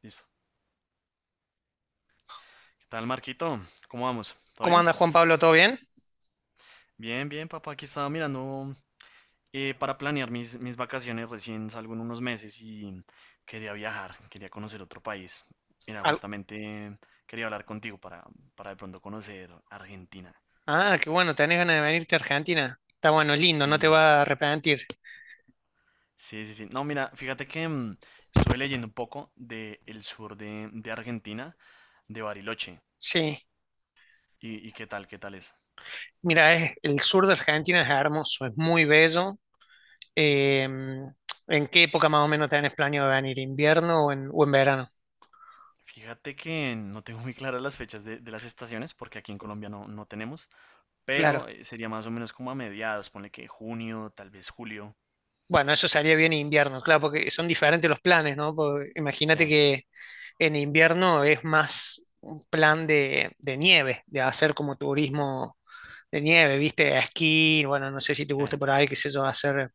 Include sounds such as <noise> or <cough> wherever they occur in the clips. Listo. ¿Qué tal, Marquito? ¿Cómo vamos? ¿Todo ¿Cómo bien? anda Juan Pablo? ¿Todo bien? Bien, bien, papá. Aquí estaba mirando para planear mis vacaciones. Recién salgo en unos meses y quería viajar, quería conocer otro país. Mira, Al- justamente quería hablar contigo para de pronto conocer Argentina. Ah, qué bueno, tenés ganas de venirte a Argentina. Está bueno, lindo, no Sí, te va a arrepentir. sí, sí, sí. No, mira, fíjate que estuve leyendo un poco de el sur de Argentina, de Bariloche. Sí, ¿Y qué tal es? mira, el sur de Argentina es hermoso, es muy bello. Eh, ¿En qué época más o menos tenés planeado venir? ¿Invierno o en verano? Fíjate que no tengo muy claras las fechas de las estaciones, porque aquí en Colombia no tenemos. pero Claro. eh, sería más o menos como a mediados, ponle que junio, tal vez julio. Bueno, eso sería bien invierno, claro, porque son diferentes los planes, ¿no? Porque Sí, imagínate que en invierno es más un plan de nieve, de hacer como turismo de nieve, ¿viste? Esquí, bueno, no sé si te sí, gusta por ahí, qué sé yo, hacer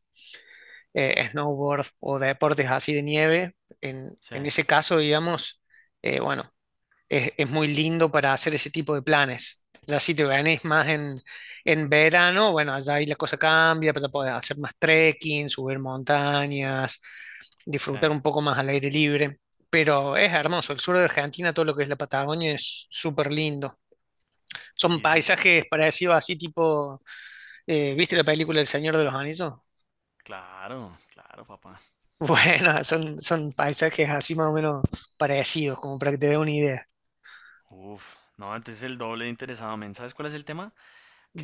snowboard o deportes así de nieve, sí, en ese caso, digamos, eh, bueno, es muy lindo para hacer ese tipo de planes. Ya si te venís más en verano, bueno, allá ahí la cosa cambia, pero podés hacer más trekking, subir montañas, sí. disfrutar un poco más al aire libre. Pero es hermoso, el sur de Argentina, todo lo que es la Patagonia es súper lindo. Son Sí, sí, paisajes parecidos así tipo, ¿viste la película El Señor de los Anillos? claro, claro, papá. Bueno, son, son paisajes así más o menos parecidos, como para que te dé una idea. Uf, no, entonces el doble de interesado, men. ¿Sabes cuál es el tema?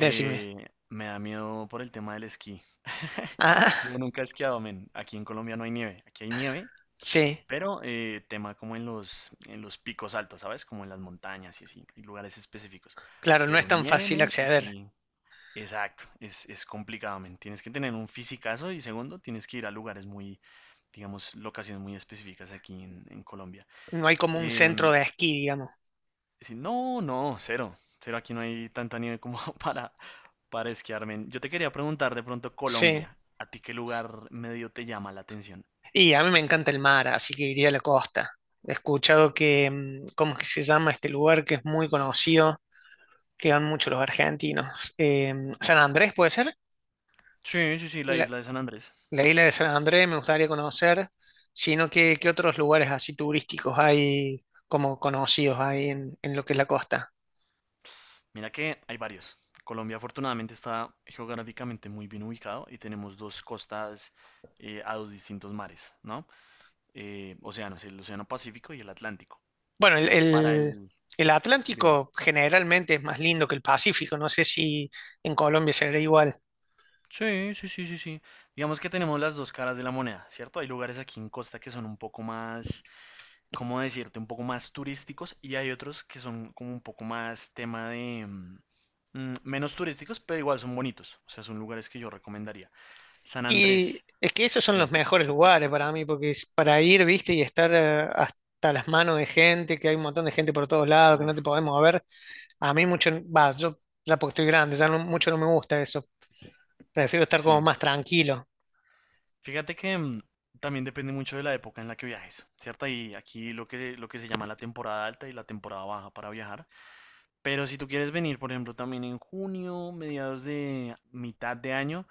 Decime. me da miedo por el tema del esquí. <laughs> Ah, Yo nunca he esquiado, men. Aquí en Colombia no hay nieve. Aquí hay nieve, sí, pero tema como en los picos altos, ¿sabes? Como en las montañas y así, y lugares específicos. claro, no es Pero tan nieve, fácil men, acceder. aquí. Exacto, es complicado, men. Tienes que tener un fisicazo y segundo, tienes que ir a lugares muy, digamos, locaciones muy específicas aquí en Colombia. No hay como un Em, centro de esquí, digamos. sí, no, no, cero, cero, aquí no hay tanta nieve como <laughs> para esquiar, men. Yo te quería preguntar de pronto, Sí, Colombia, ¿a ti qué lugar medio te llama la atención? y a mí me encanta el mar, así que iría a la costa. He escuchado que, ¿cómo es que se llama este lugar que es muy conocido, que van muchos los argentinos? Em, San Andrés, ¿puede ser? Sí, sí, sí, la La- isla de San Andrés. La isla de San Andrés me gustaría conocer, sino que qué otros lugares así turísticos hay como conocidos hay en lo que es la costa. Mira que hay varios. Colombia afortunadamente está geográficamente muy bien ubicado y tenemos dos costas, a dos distintos mares, ¿no? Océanos, el Océano Pacífico y el Atlántico. Bueno, Para el. el Dime. Atlántico generalmente es más lindo que el Pacífico, no sé si en Colombia será igual. Sí, sí, sí, sí, sí. Digamos que tenemos las dos caras de la moneda, ¿cierto? Hay lugares aquí en Costa que son un poco más, ¿cómo decirte? Un poco más turísticos y hay otros que son como un poco más tema de, menos turísticos, pero igual son bonitos. O sea, son lugares que yo recomendaría. San Y Andrés, es que esos son los sí. mejores lugares para mí, porque es para ir, viste, y estar hasta las manos de gente, que hay un montón de gente por todos lados, que no te Uf, podemos ver. A mí mucho, va, yo ya porque estoy grande, mucho no me gusta eso. Prefiero estar como sí. más tranquilo. Fíjate que también depende mucho de la época en la que viajes, ¿cierto? Y aquí lo que se llama la temporada alta y la temporada baja para viajar. Pero si tú quieres venir, por ejemplo, también en junio, mediados de mitad de año,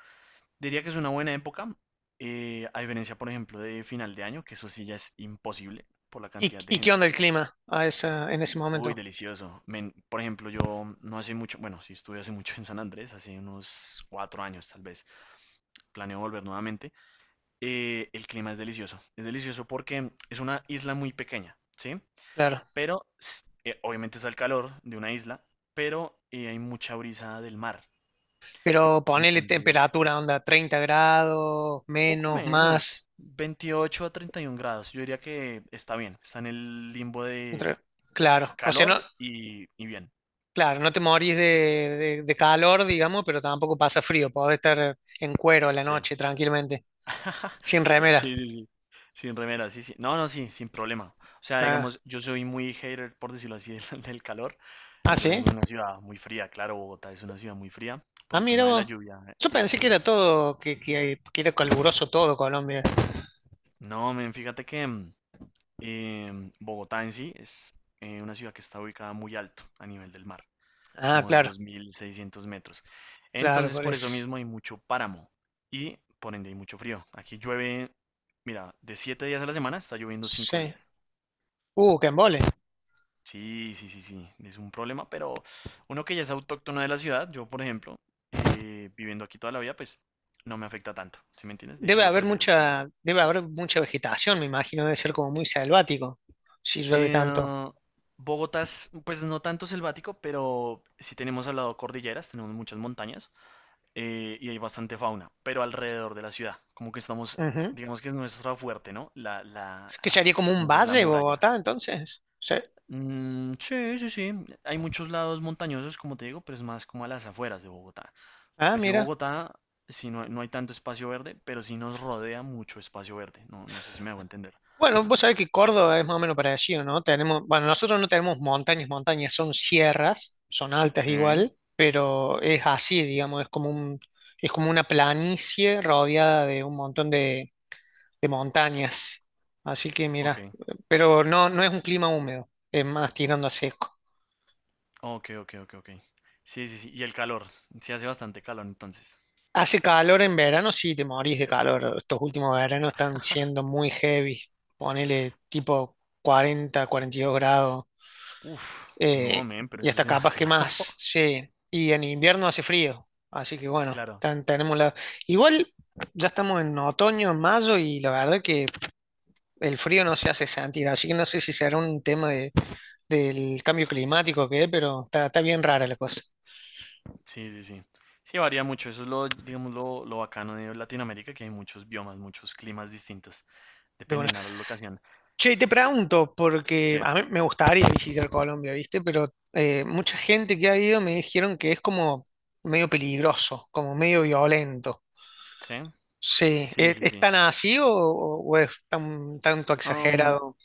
diría que es una buena época, a diferencia, por ejemplo, de final de año, que eso sí ya es imposible por la cantidad de Y qué gente. onda el clima a esa, en ese Uy, momento? delicioso. Men, por ejemplo, yo no hace mucho, bueno, sí estuve hace mucho en San Andrés, hace unos 4 años tal vez. Planeo volver nuevamente. El clima es delicioso. Es delicioso porque es una isla muy pequeña, ¿sí? Claro. Pero obviamente está el calor de una isla, pero hay mucha brisa del mar. Pero ponele Entonces, temperatura, onda, 30 grados, poco menos, menos, más. 28 a 31 grados. Yo diría que está bien, está en el limbo de Otra- Claro. O sea, no, calor y bien. claro, no te morís de calor, digamos, pero tampoco pasa frío. Podés estar en cuero a la Sí. noche tranquilamente, <laughs> sin remera. Sí, sí, sí. Sin remera, sí, sí. No, no, sí, sin problema. O sea, Ah, digamos, yo soy muy hater, por decirlo así, <laughs> del calor. ah, Yo sí. vengo de una ciudad muy fría, claro, Bogotá es una ciudad muy fría por Ah, el mira tema de la vos. lluvia Yo y la pensé que altura. era todo, que era caluroso todo Colombia. No, men, fíjate que Bogotá en sí es una ciudad que está ubicada muy alto a nivel del mar, Ah, como los claro, 2.600 metros. claro, Entonces, por por eso eso. mismo hay mucho páramo y por ende hay mucho frío. Aquí llueve, mira, de 7 días a la semana está lloviendo 5 Sí. días. Qué embole. Sí, sí, sí, sí, es un problema, pero uno que ya es autóctono de la ciudad, yo por ejemplo, viviendo aquí toda la vida, pues no me afecta tanto, ¿sí me entiendes? De hecho, lo prefiero el frío. Debe haber mucha vegetación, me imagino. Debe ser como muy selvático, si llueve Eh, tanto. Bogotá es, pues no tanto selvático, pero sí tenemos al lado cordilleras, tenemos muchas montañas, y hay bastante fauna, pero alrededor de la ciudad, como que estamos, Ujú. digamos que es nuestra fuerte, ¿no? ¿Qué sería como un Como que es la valle, muralla. Bogotá, entonces? Sí. Mm, sí, sí, sí, hay muchos lados montañosos, como te digo, pero es más como a las afueras de Bogotá. Ah, Pues sí, mira. Bogotá, sí no, no hay tanto espacio verde, pero sí nos rodea mucho espacio verde. No, no sé si me hago entender. Bueno, vos sabés que Córdoba es más o menos parecido, ¿no? Tenemos, bueno, nosotros no tenemos montañas, montañas son sierras, son altas Sí. igual, pero es así, digamos, es como una planicie rodeada de un montón de montañas. Así que Ok, mira, pero no, no es un clima húmedo, es más tirando a seco. ok, ok, ok, ok. Sí, sí, sí. Y el calor. Sí hace bastante calor entonces. Hace calor en verano, sí, te morís de calor. Estos últimos veranos están siendo muy heavy, ponele tipo 40, 42 grados. Uf, no, eh, men, pero y eso es hasta capaz que demasiado. más, <laughs> sí. Y en invierno hace frío, así que bueno, Claro, tenemos la... Igual ya estamos en otoño, en mayo, y la verdad que el frío no se hace sentir, así que no sé si será un tema del cambio climático o qué, pero está, está bien rara la cosa. sí, sí, sí. Sí, varía mucho. Eso es lo, digamos, lo bacano de Latinoamérica, que hay muchos biomas, muchos climas distintos, De una. dependiendo de la locación. Che, y te pregunto, porque Sí, a mí me gustaría visitar Colombia, ¿viste? Pero mucha gente que ha ido me dijeron que es como medio peligroso, como medio violento. sí, Sí, sí, es sí, tan así o es tan tanto sí. exagerado?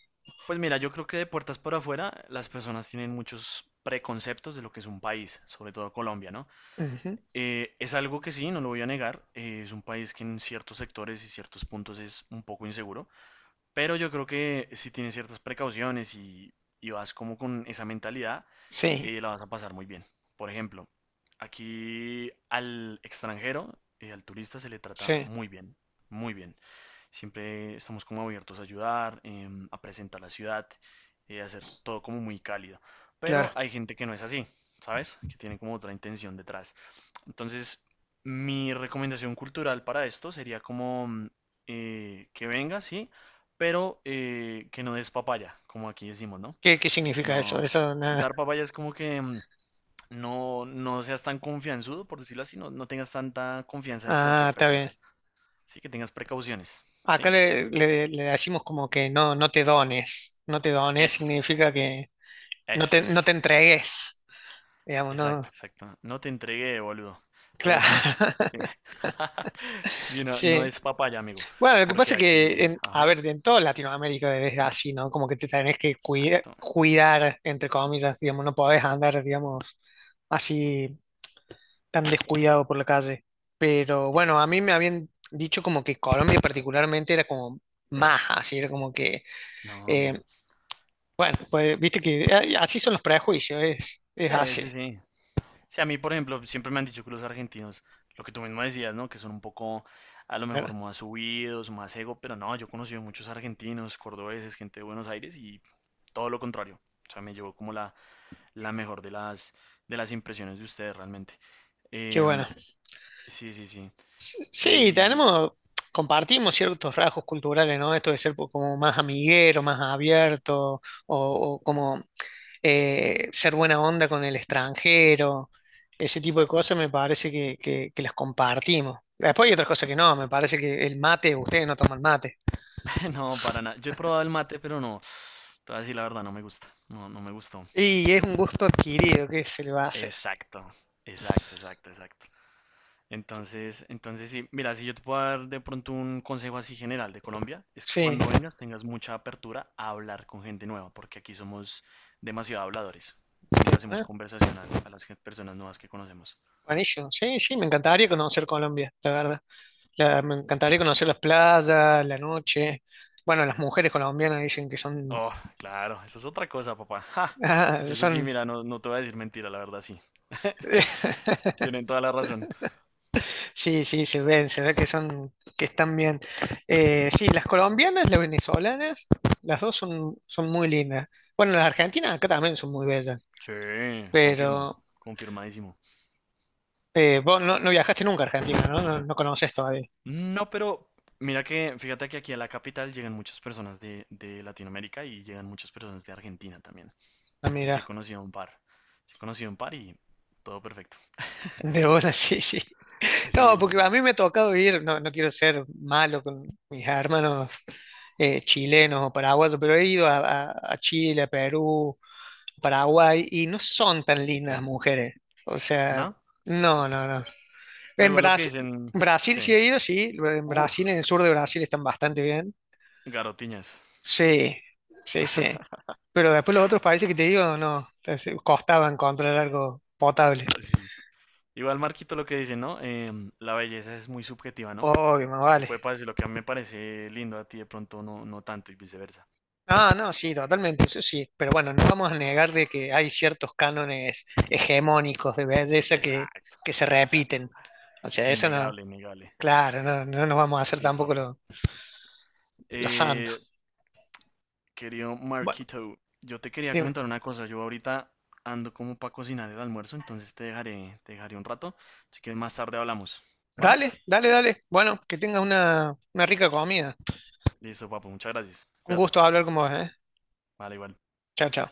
Pues mira, yo creo que de puertas para afuera las personas tienen muchos preconceptos de lo que es un país, sobre todo Colombia, ¿no? Ujú. Es algo que sí, no lo voy a negar, es un país que en ciertos sectores y ciertos puntos es un poco inseguro, pero yo creo que si tienes ciertas precauciones y vas como con esa mentalidad, Sí, la vas a pasar muy bien. Por ejemplo, aquí al extranjero, al turista se le trata sí, muy bien, muy bien. Siempre estamos como abiertos a ayudar, a presentar la ciudad, a hacer todo como muy cálido. Pero claro. hay gente que no es así, ¿sabes? Que tiene como otra intención detrás. Entonces, mi recomendación cultural para esto sería como que venga, sí, pero que no des papaya, como aquí decimos, ¿no? ¿Qué, qué Que significa eso? no. Eso nada. Dar papaya es como que no, no seas tan confianzudo, por decirlo así, no, no tengas tanta confianza de Ah, cualquier está persona. bien. Sí, que tengas precauciones, Acá ¿sí? le, le decimos como que no, no te dones. No te dones Eso, significa que eso, no eso. te entregues. Digamos, no. Exacto, exacto. No te entregué, boludo. Pero Claro. sí, sí. <laughs> <laughs> Sí, no, no Sí. es papaya, amigo. Bueno, lo que pasa Porque es que, aquí, a ajá, ver, en toda Latinoamérica es así, ¿no? Como que te tenés que exacto, cuidar, entre comillas, digamos, no podés andar, digamos, así, tan descuidado por la calle. Pero bueno, a mí exacto. me habían dicho como que Colombia particularmente era como más así, era como que, No, eh, amigo. bueno, pues viste que así son los prejuicios, es Sí, así. sí, sí. Sí, a mí, por ejemplo, siempre me han dicho que los argentinos, lo que tú mismo decías, ¿no? Que son un poco, a lo mejor, ¿Verdad? más subidos, más ego, pero no, yo he conocido muchos argentinos, cordobeses, gente de Buenos Aires y todo lo contrario. O sea, me llevó como la mejor de las impresiones de ustedes realmente. Qué bueno. Em, sí, sí, sí. Sí, Y, tenemos, compartimos ciertos rasgos culturales, ¿no? Esto de ser como más amiguero, más abierto, o como ser buena onda con el extranjero, ese tipo de exacto. cosas me parece que, que las compartimos. Después hay otras cosas que no, me parece que el mate, ustedes no toman mate. <laughs> No, para nada. Yo he probado el mate, pero no. Te voy a decir la verdad, no me gusta. No, no me gustó. Y es un gusto adquirido, ¿qué se le va a hacer? Exacto, exacto, exacto, exacto. Entonces sí, mira, si yo te puedo dar de pronto un consejo así general de Colombia, es que Sí. cuando vengas tengas mucha apertura a hablar con gente nueva, porque aquí somos demasiado habladores. Siempre hacemos conversación a las personas nuevas que conocemos. Buenísimo. Sí, sí, me encantaría conocer Colombia, la verdad. Me encantaría conocer las playas, la noche. Bueno, las mujeres colombianas dicen que son, Oh, claro, eso es otra cosa, papá. Ja, <laughs> de ah, eso sí, son, mira, no, no te voy a decir mentira, la verdad sí. <laughs> <laughs> Tienen toda la razón. sí, sí, se ven, se ve que son, que están bien. Sí, las colombianas, las venezolanas, las dos son, son muy lindas. Bueno, las argentinas acá también son muy bellas, Sí, confirmo, pero confirmadísimo. Vos no, no viajaste nunca a Argentina, ¿no? No, no conoces todavía. No, pero mira que, fíjate que aquí a la capital llegan muchas personas de Latinoamérica y llegan muchas personas de Argentina también. Ah, Entonces sí he mira, conocido un par. Sí he conocido un par y todo perfecto. de buena, <laughs> sí, sí. No, Sí, sí, porque a sí. mí me ha tocado ir, no, no quiero ser malo con mis hermanos chilenos o paraguayos, pero he ido a Chile, a Perú, Paraguay, y no son tan lindas las Sí. mujeres. O sea, ¿No? no, no, no. Bueno, En igual lo que Brasil, dicen. Brasil Sí. sí he ido, sí, en Uf, Brasil, en el sur de Brasil están bastante bien. garotiñas. Sí, sí, sí. Pero después los otros países que te digo, no, entonces, costaba encontrar algo potable. Sí. Igual Marquito lo que dice, ¿no? La belleza es muy subjetiva, ¿no? Obvio, más Te puede vale. parecer lo que a mí me parece lindo a ti de pronto no, no tanto y viceversa. Ah, no, sí, totalmente, eso sí. Pero bueno, no vamos a negar de que hay ciertos cánones hegemónicos de belleza Exacto, que se exacto, repiten. exacto. O sea, eso no, Innegable, innegable. claro, no, no nos vamos a hacer Sí, tampoco papo. los los santos. Eh, Querido Bueno, Marquito, yo te quería dime. comentar una cosa. Yo ahorita ando como para cocinar el almuerzo, entonces te dejaré un rato. Si quieres más tarde hablamos, ¿va? Dale, dale, dale. Bueno, que tengas una rica comida. Listo, papo, muchas gracias. Un Cuídate. gusto hablar con vos, ¿eh? Vale, igual. Chao, chao.